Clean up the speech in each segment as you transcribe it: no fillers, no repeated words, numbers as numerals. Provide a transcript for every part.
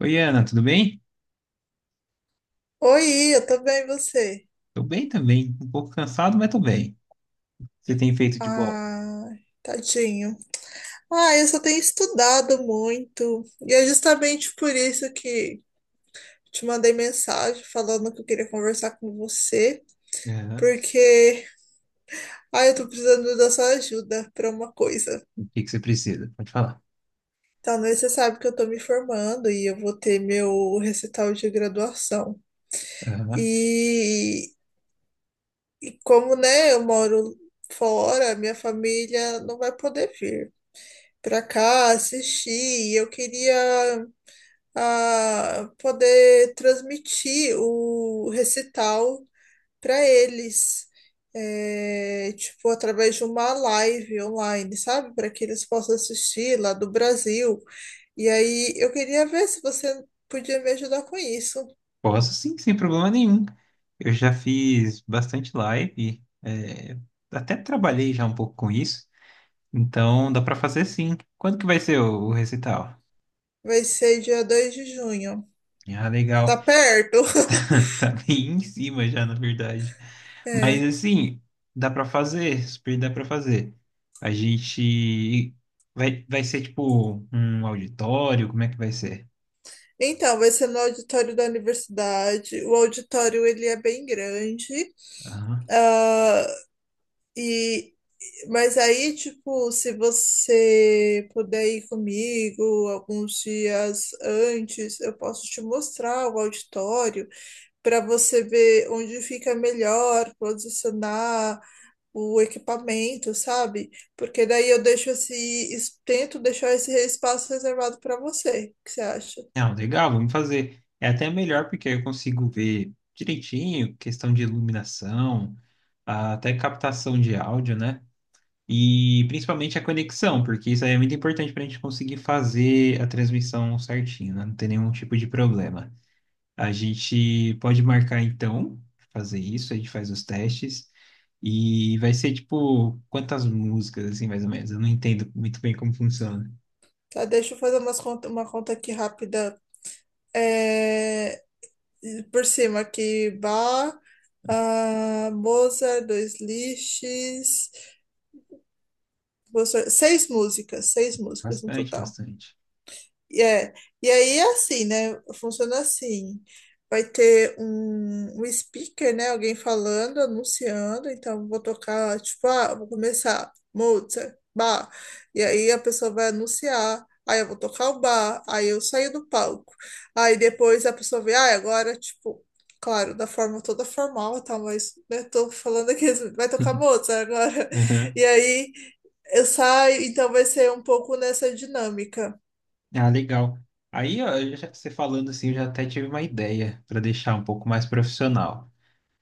Oi, Ana, tudo bem? Oi, eu tô bem, e você? Tô bem também. Um pouco cansado, mas tô bem. O que você tem feito de bom? Ah, tadinho. Eu só tenho estudado muito. E é justamente por isso que te mandei mensagem falando que eu queria conversar com você, Aham. porque eu tô precisando da sua ajuda para uma coisa. O que que você precisa? Pode falar. Então, né, você sabe que eu tô me formando e eu vou ter meu recital de graduação. Aham. E, e como, né, eu moro fora, minha família não vai poder vir pra cá assistir. Eu queria poder transmitir o recital para eles, é, tipo, através de uma live online, sabe? Para que eles possam assistir lá do Brasil. E aí eu queria ver se você podia me ajudar com isso. Posso sim, sem problema nenhum. Eu já fiz bastante live, até trabalhei já um pouco com isso, então dá pra fazer sim. Quando que vai ser o recital? Vai ser dia 2 de junho. Ah, Tá legal. perto? Tá bem em cima já, na verdade. Mas É. assim, dá pra fazer, super dá pra fazer. A gente vai ser tipo um auditório, como é que vai ser? Então, vai ser no auditório da universidade. O auditório ele é bem grande. Aham. Ah, e, mas aí, tipo, se você puder ir comigo alguns dias antes, eu posso te mostrar o auditório para você ver onde fica melhor posicionar o equipamento, sabe? Porque daí eu deixo esse, es- tento deixar esse espaço reservado para você. O que você acha? Não, legal, vamos fazer. É até melhor porque aí eu consigo ver direitinho, questão de iluminação, até captação de áudio, né? E principalmente a conexão, porque isso aí é muito importante para a gente conseguir fazer a transmissão certinho, né? Não ter nenhum tipo de problema. A gente pode marcar então, fazer isso, a gente faz os testes. E vai ser tipo, quantas músicas, assim, mais ou menos? Eu não entendo muito bem como funciona. Tá, deixa eu fazer umas conta, uma conta aqui rápida. É, E por cima aqui, Mozart, dois lixes, seis músicas no Bastante, total. bastante. E É, e aí é assim, né? Funciona assim. Vai ter um speaker, né? Alguém falando, anunciando. Então, vou tocar, tipo, vou começar Mozart, Bach. E aí a pessoa vai anunciar. Aí eu vou tocar o bar, aí eu saio do palco. Aí depois a pessoa vê, ah, agora, tipo, claro, da forma toda formal e tal, mas né, tô falando aqui, vai tocar Mozart agora. Aham. E aí eu saio, então vai ser um pouco nessa dinâmica. Ah, legal. Aí, ó, eu já você falando assim, eu já até tive uma ideia para deixar um pouco mais profissional.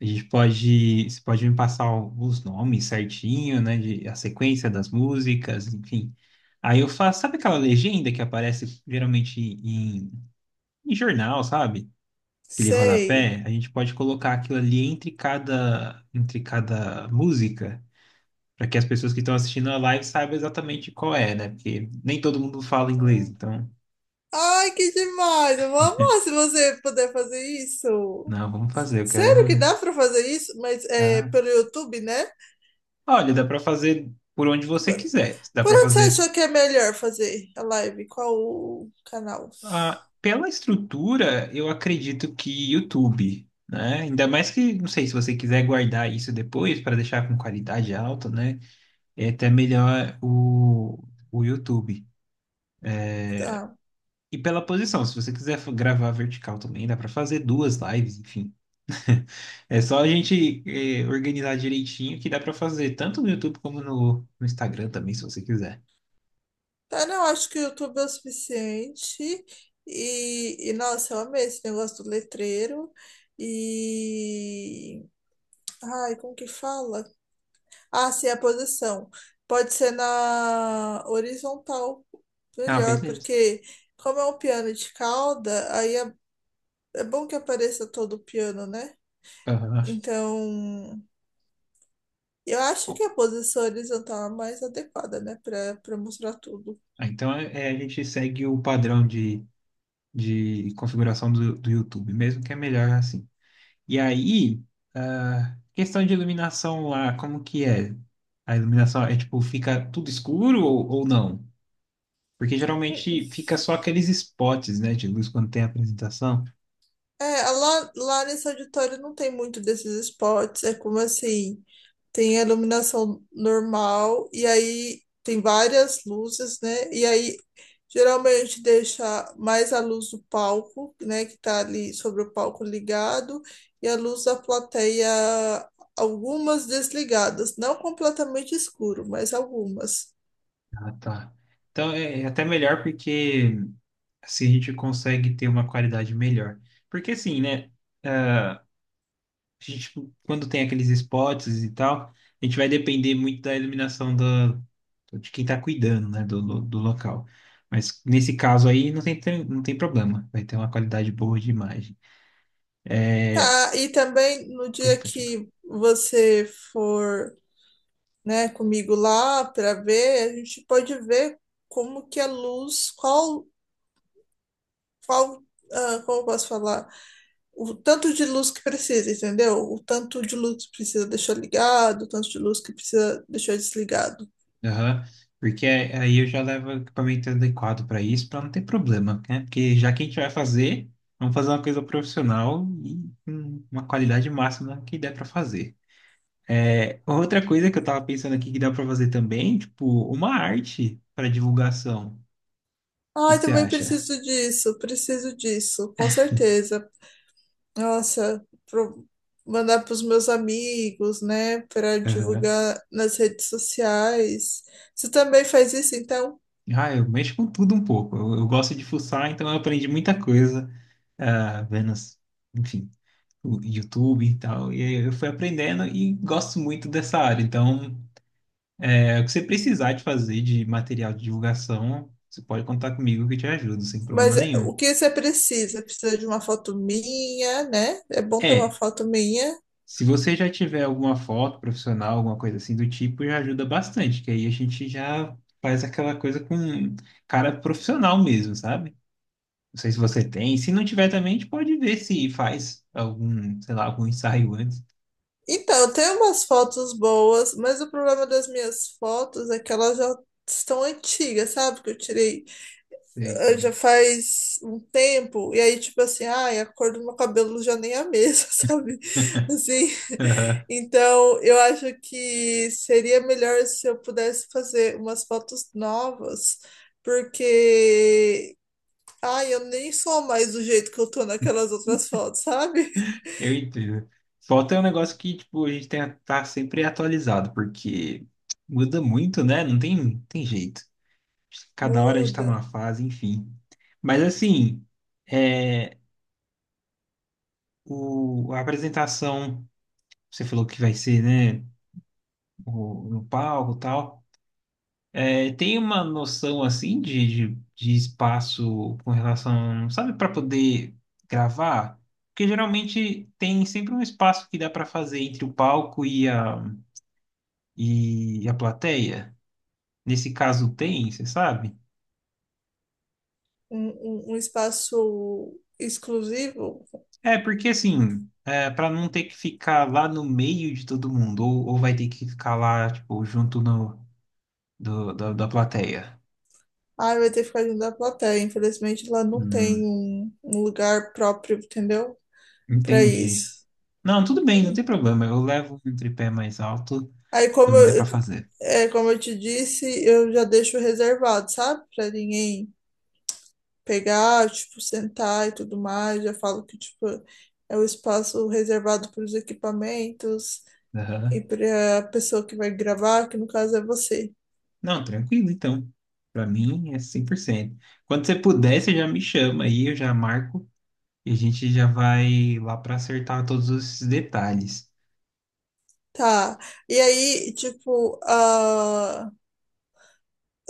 A gente pode, você pode me passar os nomes certinho, né, de, a sequência das músicas, enfim. Aí eu faço, sabe aquela legenda que aparece geralmente em em jornal, sabe? Aquele Sei. rodapé, a gente pode colocar aquilo ali entre cada música, para que as pessoas que estão assistindo a live saibam exatamente qual é, né? Porque nem todo mundo fala inglês, então, Ai, que demais! Eu vou amar se você puder fazer isso. não, vamos fazer, eu Sério que quero. dá pra fazer isso? Mas é Tá? pelo YouTube, né? Olha, dá para fazer por onde você Por quiser. Dá por para onde você fazer achou que é melhor fazer a live? Qual o canal? Pela estrutura, eu acredito que YouTube, né? Ainda mais que, não sei, se você quiser guardar isso depois para deixar com qualidade alta, né? É até melhor o YouTube. Tá. E pela posição, se você quiser gravar vertical também, dá para fazer duas lives, enfim. É só a gente organizar direitinho que dá para fazer tanto no YouTube como no Instagram também, se você quiser. Tá, não, acho que o YouTube é o suficiente. E, nossa, eu amei esse negócio do letreiro. E. Ai, como que fala? Ah, sim, a posição. Pode ser na horizontal, Ah, melhor, beleza. porque como é um piano de cauda, é bom que apareça todo o piano, né? Aham. Então, eu acho Bom, que a posição horizontal é a mais adequada, né, para mostrar tudo. Então a gente segue o padrão de configuração do YouTube mesmo, que é melhor assim. E aí, questão de iluminação lá, como que é? A iluminação é tipo, fica tudo escuro ou não? Porque geralmente fica só aqueles spots, né, de luz quando tem apresentação. É, lá nesse auditório não tem muito desses spots, é como assim, tem a iluminação normal e aí tem várias luzes, né? E aí geralmente deixa mais a luz do palco, né, que tá ali sobre o palco ligado, e a luz da plateia, algumas desligadas, não completamente escuro, mas algumas. Ah, tá. Então é até melhor porque assim a gente consegue ter uma qualidade melhor. Porque assim, né, ah, a gente, tipo, quando tem aqueles spots e tal, a gente vai depender muito da iluminação de quem está cuidando, né, do local. Mas nesse caso aí não tem, não tem problema, vai ter uma qualidade boa de imagem. Tá, e também no Pode, dia pode. que você for, né, comigo lá para ver, a gente pode ver como que a luz, qual, como eu posso falar, o tanto de luz que precisa, entendeu? O tanto de luz que precisa deixar ligado, o tanto de luz que precisa deixar desligado. Aham. Porque aí eu já levo o equipamento adequado para isso, para não ter problema, né? Porque já que a gente vai fazer, vamos fazer uma coisa profissional e com uma qualidade máxima que der para fazer. É, outra coisa que eu tava pensando aqui que dá para fazer também, tipo, uma arte para divulgação. O que Ai, que você também acha? Preciso disso, com certeza. Nossa, pro, mandar para os meus amigos, né, para Aham. divulgar nas redes sociais. Você também faz isso, então? Ah, eu mexo com tudo um pouco. Eu gosto de fuçar, então eu aprendi muita coisa, vendo, enfim, o YouTube e tal. E aí eu fui aprendendo e gosto muito dessa área. Então. É, o que você precisar de fazer de material de divulgação, você pode contar comigo que eu te ajudo, sem problema Mas nenhum. o que você precisa? Precisa de uma foto minha, né? É bom ter uma É, foto minha. se você já tiver alguma foto profissional, alguma coisa assim do tipo, já ajuda bastante, que aí a gente já faz aquela coisa com cara profissional mesmo, sabe? Não sei se você tem. Se não tiver também, a gente pode ver se faz algum, sei lá, algum ensaio antes. Então, eu tenho umas fotos boas, mas o problema das minhas fotos é que elas já estão antigas, sabe? Que eu tirei Não já sei. faz um tempo, e aí, tipo assim, ai, a cor do meu cabelo já nem é a mesma, sabe? Assim, então eu acho que seria melhor se eu pudesse fazer umas fotos novas, porque ai, eu nem sou mais do jeito que eu tô naquelas outras fotos, sabe? Eu entendo. Foto é um negócio que, tipo, a gente tem que estar sempre atualizado, porque muda muito, né? Não tem, tem jeito. Cada hora a gente tá Muda. numa fase, enfim. Mas, assim, é, a apresentação, você falou que vai ser, né? No palco e tal. É, tem uma noção, assim, de espaço com relação, sabe, para poder gravar? Porque geralmente tem sempre um espaço que dá para fazer entre o palco e a. E a plateia? Nesse caso tem, você sabe? Um, um espaço exclusivo. É, porque assim, é, para não ter que ficar lá no meio de todo mundo, ou vai ter que ficar lá, tipo, junto no, da plateia. Ai, vai ter que ficar junto da plateia. Infelizmente, lá não tem Hum, um lugar próprio, entendeu? Pra entendi. isso. Não, tudo bem, não tem problema. Eu levo um tripé mais alto, Aí, como também dá pra eu, fazer. é, como eu te disse, eu já deixo reservado, sabe? Pra ninguém pegar, tipo, sentar e tudo mais. Já falo que, tipo, é o espaço reservado para os equipamentos e Aham. para a pessoa que vai gravar, que no caso é você. Não, tranquilo, então. Pra mim é 100%. Quando você puder, você já me chama aí, eu já marco e a gente já vai lá pra acertar todos esses detalhes. Tá. E aí, tipo, a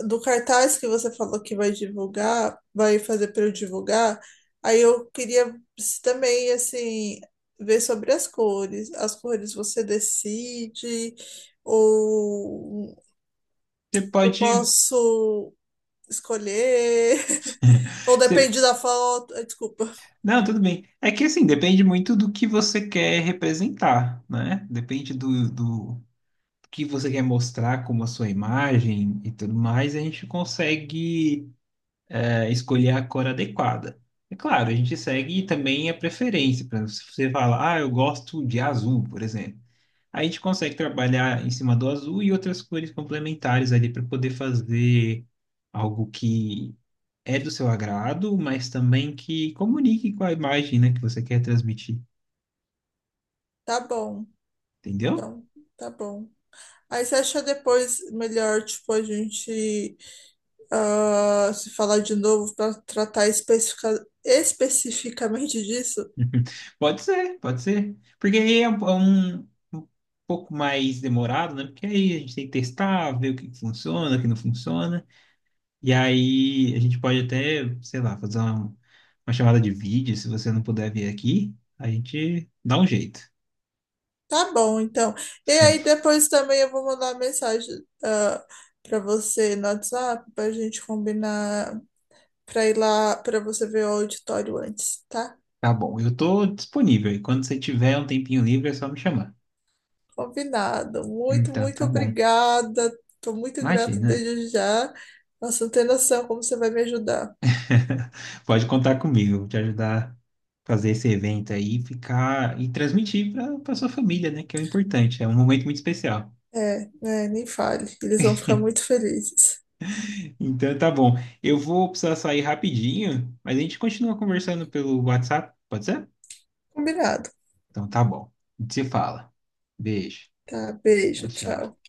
do cartaz que você falou que vai divulgar, vai fazer para eu divulgar, aí eu queria também, assim, ver sobre as cores. As cores você decide, ou Você eu pode. posso escolher, ou Você... depende da foto. Ah, desculpa. Não, tudo bem. É que assim, depende muito do que você quer representar, né? Depende do que você quer mostrar como a sua imagem e tudo mais, a gente consegue escolher a cor adequada. É claro, a gente segue também a preferência. Por exemplo, se você fala, ah, eu gosto de azul, por exemplo. Aí a gente consegue trabalhar em cima do azul e outras cores complementares ali para poder fazer algo que é do seu agrado, mas também que comunique com a imagem, né, que você quer transmitir, Tá bom. entendeu? Então, tá bom. Aí você acha depois melhor, tipo, a gente se falar de novo para tratar especificamente disso? Pode ser, pode ser. Porque aí é um um pouco mais demorado, né? Porque aí a gente tem que testar, ver o que que funciona, o que não funciona. E aí a gente pode até, sei lá, fazer uma chamada de vídeo, se você não puder vir aqui, a gente dá um jeito. Tá bom, então. E aí depois também eu vou mandar uma mensagem para você no WhatsApp para a gente combinar para ir lá para você ver o auditório antes, tá? Tá bom, eu tô disponível. E quando você tiver um tempinho livre, é só me chamar. Combinado. Muito, Então, muito tá bom. obrigada. Tô muito grata Imagina. desde já. Nossa, não tem noção como você vai me ajudar. Pode contar comigo, te ajudar a fazer esse evento aí, e ficar e transmitir para sua família, né? Que é o importante, é um momento muito especial. É, né, nem fale. Eles vão ficar muito felizes. Então tá bom. Eu vou precisar sair rapidinho, mas a gente continua conversando pelo WhatsApp, pode ser? Combinado. Então tá bom. A gente se fala. Beijo. Tá, Tchau, beijo, tchau. tchau.